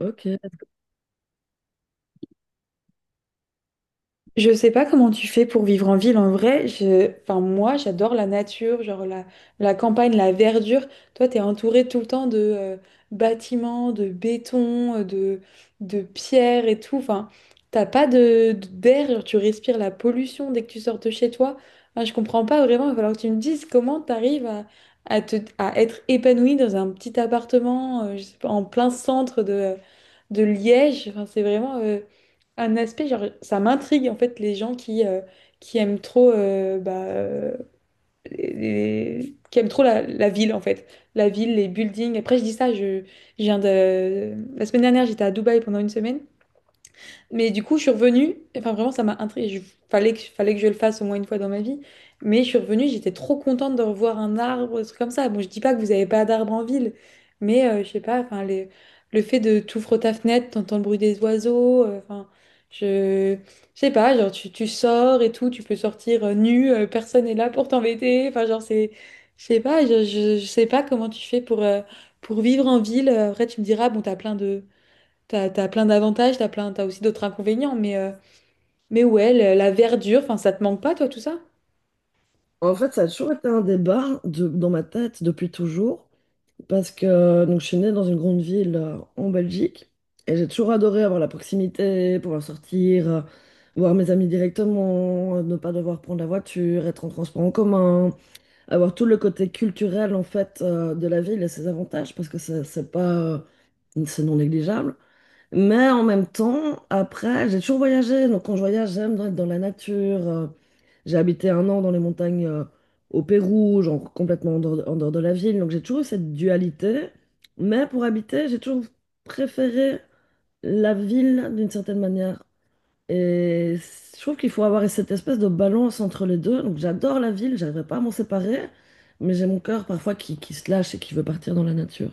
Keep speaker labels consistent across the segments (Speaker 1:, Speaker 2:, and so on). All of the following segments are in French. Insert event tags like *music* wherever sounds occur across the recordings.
Speaker 1: Ok.
Speaker 2: Je sais pas comment tu fais pour vivre en ville en vrai. Enfin, moi, j'adore la nature, genre la campagne, la verdure. Toi, t'es entouré tout le temps de bâtiments, de béton, de pierres et tout. Enfin, t'as pas de d'air, genre, tu respires la pollution dès que tu sors de chez toi. Enfin, je comprends pas vraiment. Il va falloir que tu me dises comment t'arrives à être épanoui dans un petit appartement, je sais pas, en plein centre de Liège. Enfin, c'est vraiment un aspect, genre, ça m'intrigue en fait les gens qui aiment trop, bah, les- qui aiment trop la ville en fait. La ville, les buildings. Après, je dis ça, La semaine dernière, j'étais à Dubaï pendant une semaine. Mais du coup, je suis revenue. Enfin, vraiment, ça m'a intriguée. Fallait que je le fasse au moins une fois dans ma vie. Mais je suis revenue, j'étais trop contente de revoir un arbre, un truc comme ça. Bon, je dis pas que vous avez pas d'arbres en ville, mais je sais pas, enfin, le fait de t'ouvres ta fenêtre, t'entends le bruit des oiseaux, enfin, je, je sais pas, genre, tu sors et tout, tu peux sortir nu, personne est là pour t'embêter. Enfin, genre, je sais pas, je sais pas comment tu fais pour vivre en ville. Après, tu me diras, bon, t'as plein d'avantages, t'as aussi d'autres inconvénients, mais ouais, la verdure, enfin, ça te manque pas, toi, tout ça?
Speaker 1: En fait, ça a toujours été un débat dans ma tête depuis toujours, parce que donc, je suis née dans une grande ville en Belgique, et j'ai toujours adoré avoir la proximité, pouvoir sortir, voir mes amis directement, ne pas devoir prendre la voiture, être en transport en commun, avoir tout le côté culturel en fait de la ville et ses avantages, parce que c'est pas, c'est non négligeable. Mais en même temps, après, j'ai toujours voyagé. Donc, quand je voyage, être dans la nature. J'ai habité 1 an dans les montagnes au Pérou, genre complètement en dehors de la ville. Donc, j'ai toujours eu cette dualité. Mais pour habiter, j'ai toujours préféré la ville d'une certaine manière. Je trouve qu'il faut avoir cette espèce de balance entre les deux. Donc, j'adore la ville, j'arriverai pas à m'en séparer. Mais j'ai mon cœur parfois qui se lâche et qui veut partir dans la nature.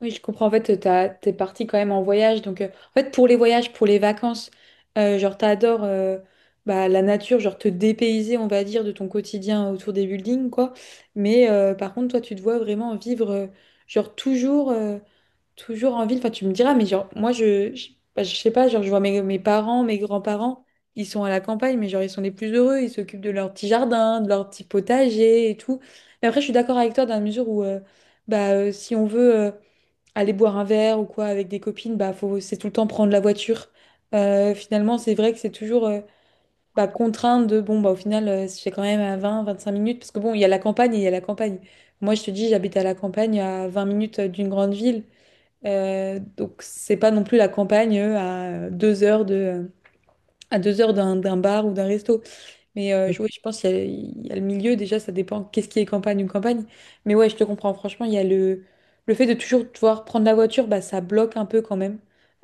Speaker 2: Oui, je comprends. En fait, t'es parti quand même en voyage. Donc, en fait, pour les voyages, pour les vacances, genre, t'adores bah, la nature, genre, te dépayser, on va dire, de ton quotidien autour des buildings, quoi. Mais par contre, toi, tu te vois vraiment vivre, genre, Toujours en ville, enfin tu me diras, mais genre moi bah, je sais pas, genre je vois mes parents, mes grands-parents, ils sont à la campagne, mais genre ils sont les plus heureux, ils s'occupent de leur petit jardin, de leur petit potager et tout. Mais après je suis d'accord avec toi dans la mesure où si on veut aller boire un verre ou quoi avec des copines, bah faut c'est tout le temps prendre la voiture. Finalement c'est vrai que c'est toujours bah, contraint de bon bah au final c'est quand même à 20, 25 minutes, parce que bon il y a la campagne et il y a la campagne. Moi je te dis j'habite à la campagne à 20 minutes d'une grande ville. Donc c'est pas non plus la campagne à 2 heures à 2 heures d'un bar ou d'un resto. Mais ouais, je pense qu'il y a le milieu, déjà, ça dépend qu'est-ce qui est campagne ou campagne. Mais ouais, je te comprends, franchement, il y a le fait de toujours devoir prendre la voiture, bah, ça bloque un peu quand même.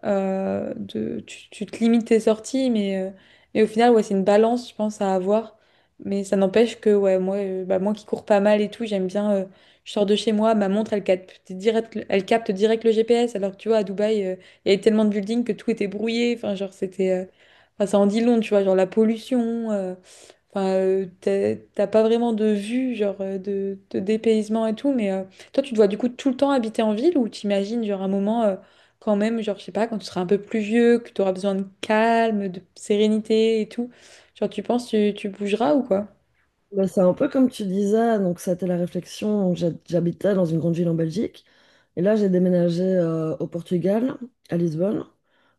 Speaker 2: Tu te limites tes sorties, mais au final, ouais, c'est une balance, je pense, à avoir. Mais ça n'empêche que ouais, moi, moi qui cours pas mal et tout, j'aime bien, je sors de chez moi, ma montre, elle capte direct le GPS, alors que tu vois, à Dubaï, il y avait tellement de buildings que tout était brouillé. Enfin, genre, enfin, ça en dit long, tu vois, genre la pollution. Enfin, t'as pas vraiment de vue, genre de dépaysement et tout, mais toi, tu dois du coup tout le temps habiter en ville ou t'imagines, genre un moment quand même, genre je sais pas, quand tu seras un peu plus vieux, que tu auras besoin de calme, de sérénité et tout, genre tu penses tu bougeras ou quoi?
Speaker 1: Bah, c'est un peu comme tu disais, donc ça a été la réflexion. Donc, j'habitais dans une grande ville en Belgique et là j'ai déménagé au Portugal, à Lisbonne,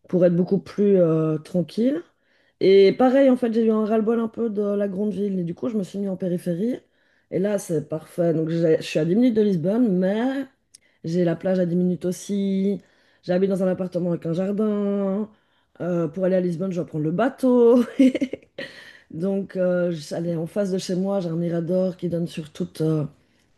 Speaker 1: pour être beaucoup plus tranquille. Et pareil, en fait, j'ai eu un ras-le-bol un peu de la grande ville et du coup je me suis mis en périphérie. Et là c'est parfait. Je suis à 10 minutes de Lisbonne, mais j'ai la plage à 10 minutes aussi. J'habite dans un appartement avec un jardin. Pour aller à Lisbonne, je dois prendre le bateau. *laughs* Donc, allez, en face de chez moi, j'ai un mirador qui donne sur toute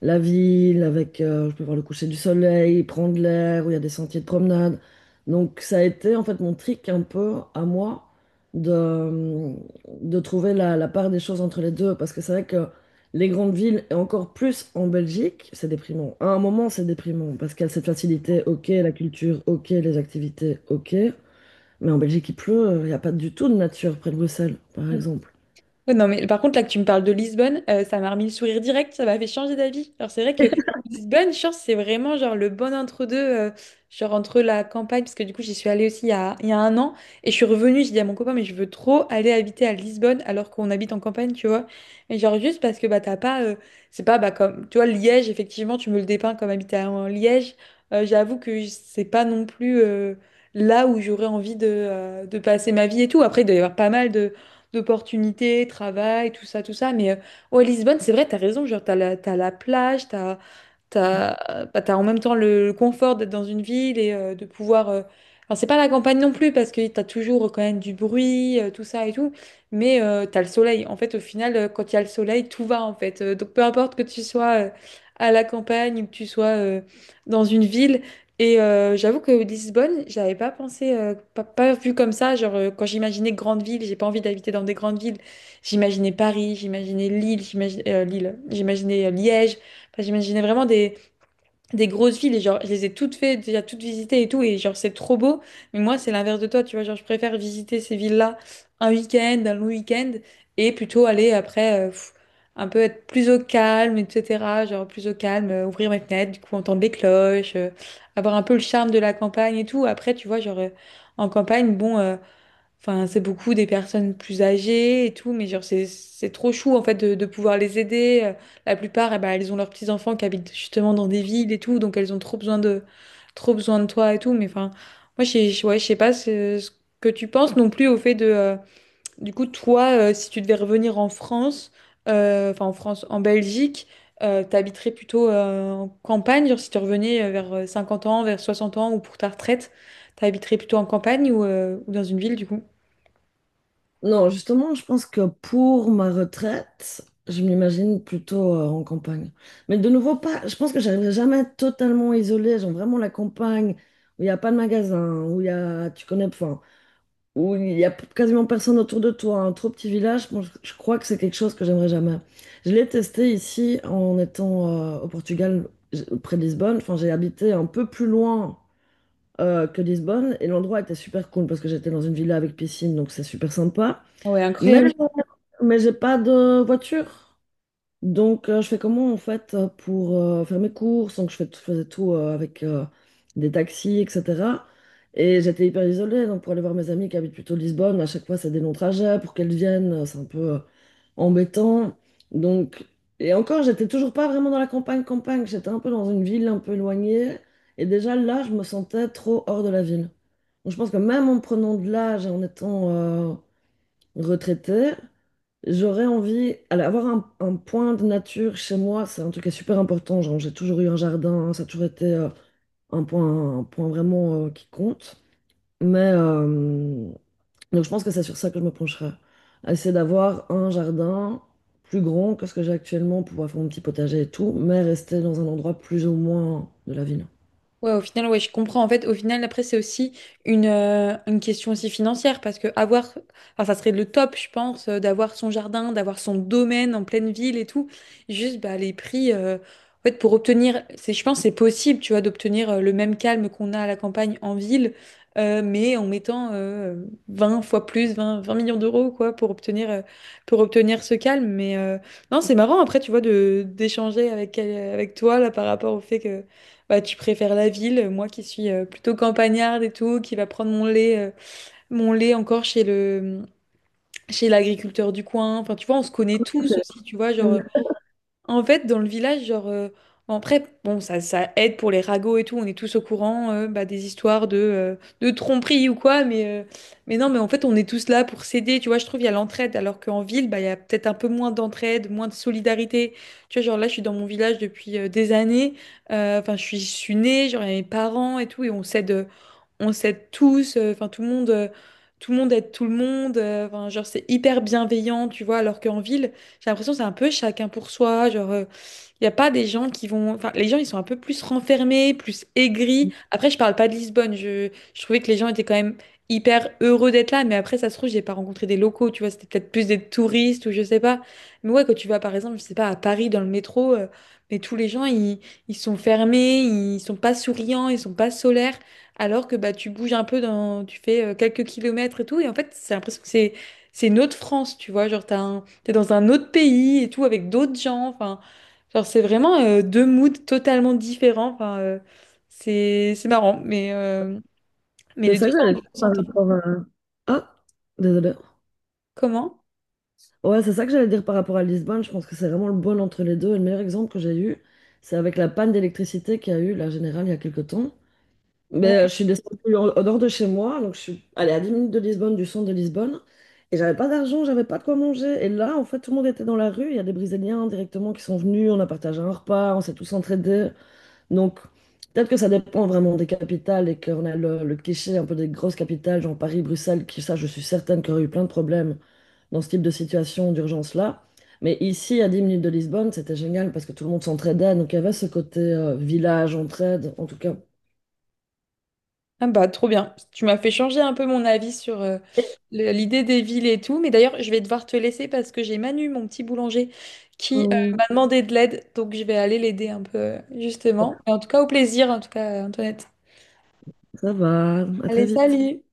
Speaker 1: la ville, avec, je peux voir le coucher du soleil, prendre l'air, où il y a des sentiers de promenade. Donc, ça a été en fait mon trick un peu à moi de, de trouver la part des choses entre les deux, parce que c'est vrai que les grandes villes, et encore plus en Belgique, c'est déprimant. À un moment, c'est déprimant, parce qu'il y a cette facilité, ok, la culture, ok, les activités, ok. Mais en Belgique, il pleut, il n'y a pas du tout de nature près de Bruxelles, par exemple.
Speaker 2: Ouais, non, mais par contre, là que tu me parles de Lisbonne, ça m'a remis le sourire direct, ça m'a fait changer d'avis. Alors, c'est vrai que Lisbonne, je c'est vraiment genre le bon entre-deux, genre entre la campagne, parce que du coup, j'y suis allée aussi il y a un an, et je suis revenue, j'ai dit à mon copain, mais je veux trop aller habiter à Lisbonne alors qu'on habite en campagne, tu vois. Et genre, juste parce que bah, t'as pas, c'est pas bah, comme, tu vois, Liège, effectivement, tu me le dépeins comme en Liège. J'avoue que c'est pas non plus là où j'aurais envie de passer ma vie et tout. Après, il doit y avoir pas mal de d'opportunités, travail, tout ça, tout ça. Mais ouais, Lisbonne, c'est vrai, t'as raison, genre, t'as la plage, T'as, bah, t'as en même temps le confort d'être dans une ville et de pouvoir. Alors, c'est pas la campagne non plus parce que t'as toujours quand même du bruit, tout ça et tout, mais t'as le soleil. En fait, au final, quand il y a le soleil, tout va en fait. Donc, peu importe que tu sois à la campagne ou que tu sois dans une ville. Et j'avoue que Lisbonne, j'avais pas pensé, pas vu comme ça. Genre, quand j'imaginais grande ville, j'ai pas envie d'habiter dans des grandes villes. J'imaginais Paris, j'imaginais Lille, j'imaginais Liège. Enfin, j'imaginais vraiment des grosses villes et genre, je les ai toutes faites, déjà toutes visitées et tout, et genre, c'est trop beau. Mais moi, c'est l'inverse de toi, tu vois. Genre, je préfère visiter ces villes-là un week-end, un long week-end, et plutôt aller après, un peu être plus au calme, etc. Genre, plus au calme, ouvrir mes fenêtres, du coup, entendre les cloches, avoir un peu le charme de la campagne et tout. Après, tu vois, genre, en campagne, bon. Enfin, c'est beaucoup des personnes plus âgées et tout, mais genre, c'est trop chou, en fait, de pouvoir les aider. La plupart, eh ben, elles ont leurs petits-enfants qui habitent justement dans des villes et tout, donc elles ont trop besoin de toi et tout. Mais enfin, moi, ouais, je sais pas ce que tu penses non plus au fait de, du coup, toi, si tu devais revenir en France, enfin, en France, en Belgique, t'habiterais plutôt en campagne, genre, si tu revenais vers 50 ans, vers 60 ans ou pour ta retraite, t'habiterais plutôt en campagne ou dans une ville, du coup?
Speaker 1: Non, justement, je pense que pour ma retraite, je m'imagine plutôt en campagne. Mais de nouveau, pas, je pense que j'arriverai jamais à être totalement isolée, genre vraiment la campagne où il n'y a pas de magasin, où il y a, tu connais, enfin, où il quasiment personne autour de toi, un trop petit village, moi, je crois que c'est quelque chose que j'aimerais jamais. Je l'ai testé ici en étant au Portugal, près de Lisbonne, enfin, j'ai habité un peu plus loin que Lisbonne et l'endroit était super cool parce que j'étais dans une villa avec piscine, donc c'est super sympa.
Speaker 2: Ah, ouais,
Speaker 1: Mais
Speaker 2: incroyable.
Speaker 1: mais j'ai pas de voiture. Donc, je fais comment en fait pour faire mes courses? Donc, je faisais tout avec des taxis, etc. Et j'étais hyper isolée. Donc, pour aller voir mes amis qui habitent plutôt Lisbonne, à chaque fois, c'est des longs trajets. Pour qu'elles viennent, c'est un peu embêtant. Donc, et encore, j'étais toujours pas vraiment dans la campagne, campagne. J'étais un peu dans une ville un peu éloignée. Et déjà là, je me sentais trop hors de la ville. Donc, je pense que même en prenant de l'âge et en étant retraité j'aurais envie, alors, avoir un point de nature chez moi, c'est un truc qui est super important. Genre, j'ai toujours eu un jardin, ça a toujours été un point vraiment qui compte. Mais donc, je pense que c'est sur ça que je me pencherai. Essayer d'avoir un jardin plus grand que ce que j'ai actuellement, pouvoir faire mon petit potager et tout, mais rester dans un endroit plus ou moins de la ville.
Speaker 2: Ouais, au final, ouais, je comprends. En fait, au final, après, c'est aussi une question aussi financière parce que avoir, enfin, ça serait le top, je pense, d'avoir son jardin, d'avoir son domaine en pleine ville et tout. Juste, bah, les prix, en fait, pour obtenir, c'est, je pense, que c'est possible, tu vois, d'obtenir le même calme qu'on a à la campagne en ville, mais en mettant 20 fois plus, vingt millions d'euros, quoi, pour obtenir ce calme. Mais non, c'est marrant, après, tu vois, de d'échanger avec, avec toi, là, par rapport au fait que bah, tu préfères la ville, moi qui suis plutôt campagnarde et tout, qui va prendre mon lait, encore chez chez l'agriculteur du coin. Enfin, tu vois, on se connaît tous aussi, tu vois, genre, en fait, dans le village, genre, bon, après, bon, ça aide pour les ragots et tout, on est tous au courant bah, des histoires de tromperie ou quoi, mais non, mais en fait, on est tous là pour s'aider, tu vois, je trouve, il y a l'entraide, alors qu'en ville, bah, il y a peut-être un peu moins d'entraide, moins de solidarité. Tu vois, genre là, je suis dans mon village depuis des années, enfin, je suis née, genre, il y a mes parents et tout, et on s'aide tous, enfin tout le monde aide tout le monde, enfin genre c'est hyper bienveillant, tu vois, alors qu'en ville, j'ai l'impression que c'est un peu chacun pour soi, genre il n'y a pas des gens qui vont, enfin les gens ils sont un peu plus renfermés, plus aigris. Après je parle pas de Lisbonne, je trouvais que les gens étaient quand même hyper heureux d'être là, mais après ça se trouve j'ai pas rencontré des locaux, tu vois, c'était peut-être plus des touristes ou je sais pas. Mais ouais quand tu vas par exemple, je sais pas à Paris dans le métro, mais tous les gens ils sont fermés, ils sont pas souriants, ils sont pas solaires alors que bah, tu bouges un peu dans, tu fais quelques kilomètres et tout, et en fait, c'est l'impression que c'est une autre France, tu vois, genre t'es dans un autre pays et tout avec d'autres gens, enfin, genre c'est vraiment deux moods totalement différents, enfin, c'est marrant, mais mais
Speaker 1: C'est
Speaker 2: les deux
Speaker 1: ça que
Speaker 2: sont
Speaker 1: j'allais dire par
Speaker 2: s'entendent.
Speaker 1: rapport à... Ah, désolé.
Speaker 2: Comment?
Speaker 1: Ouais, c'est ça que j'allais dire par rapport à Lisbonne. Je pense que c'est vraiment le bon entre les deux. Et le meilleur exemple que j'ai eu, c'est avec la panne d'électricité qu'il y a eu la générale il y a quelques temps. Mais je suis descendue en- au nord de chez moi, donc je suis allée à 10 minutes de Lisbonne, du centre de Lisbonne, et j'avais pas d'argent, j'avais pas de quoi manger. Et là, en fait, tout le monde était dans la rue. Il y a des Brésiliens directement qui sont venus, on a partagé un repas, on s'est tous entraidés. Donc, peut-être que ça dépend vraiment des capitales et qu'on a le cliché un peu des grosses capitales, genre Paris, Bruxelles, qui, ça, je suis certaine qu'il y aurait eu plein de problèmes dans ce type de situation d'urgence-là. Mais ici, à 10 minutes de Lisbonne, c'était génial parce que tout le monde s'entraidait. Donc, il y avait ce côté village, entraide. En tout cas,
Speaker 2: Ah bah trop bien. Tu m'as fait changer un peu mon avis sur l'idée des villes et tout. Mais d'ailleurs, je vais devoir te laisser parce que j'ai Manu, mon petit boulanger, qui
Speaker 1: hum,
Speaker 2: m'a demandé de l'aide. Donc je vais aller l'aider un peu, justement. Mais en tout cas, au plaisir, en tout cas, Antoinette.
Speaker 1: ça va, à très
Speaker 2: Allez,
Speaker 1: vite.
Speaker 2: salut!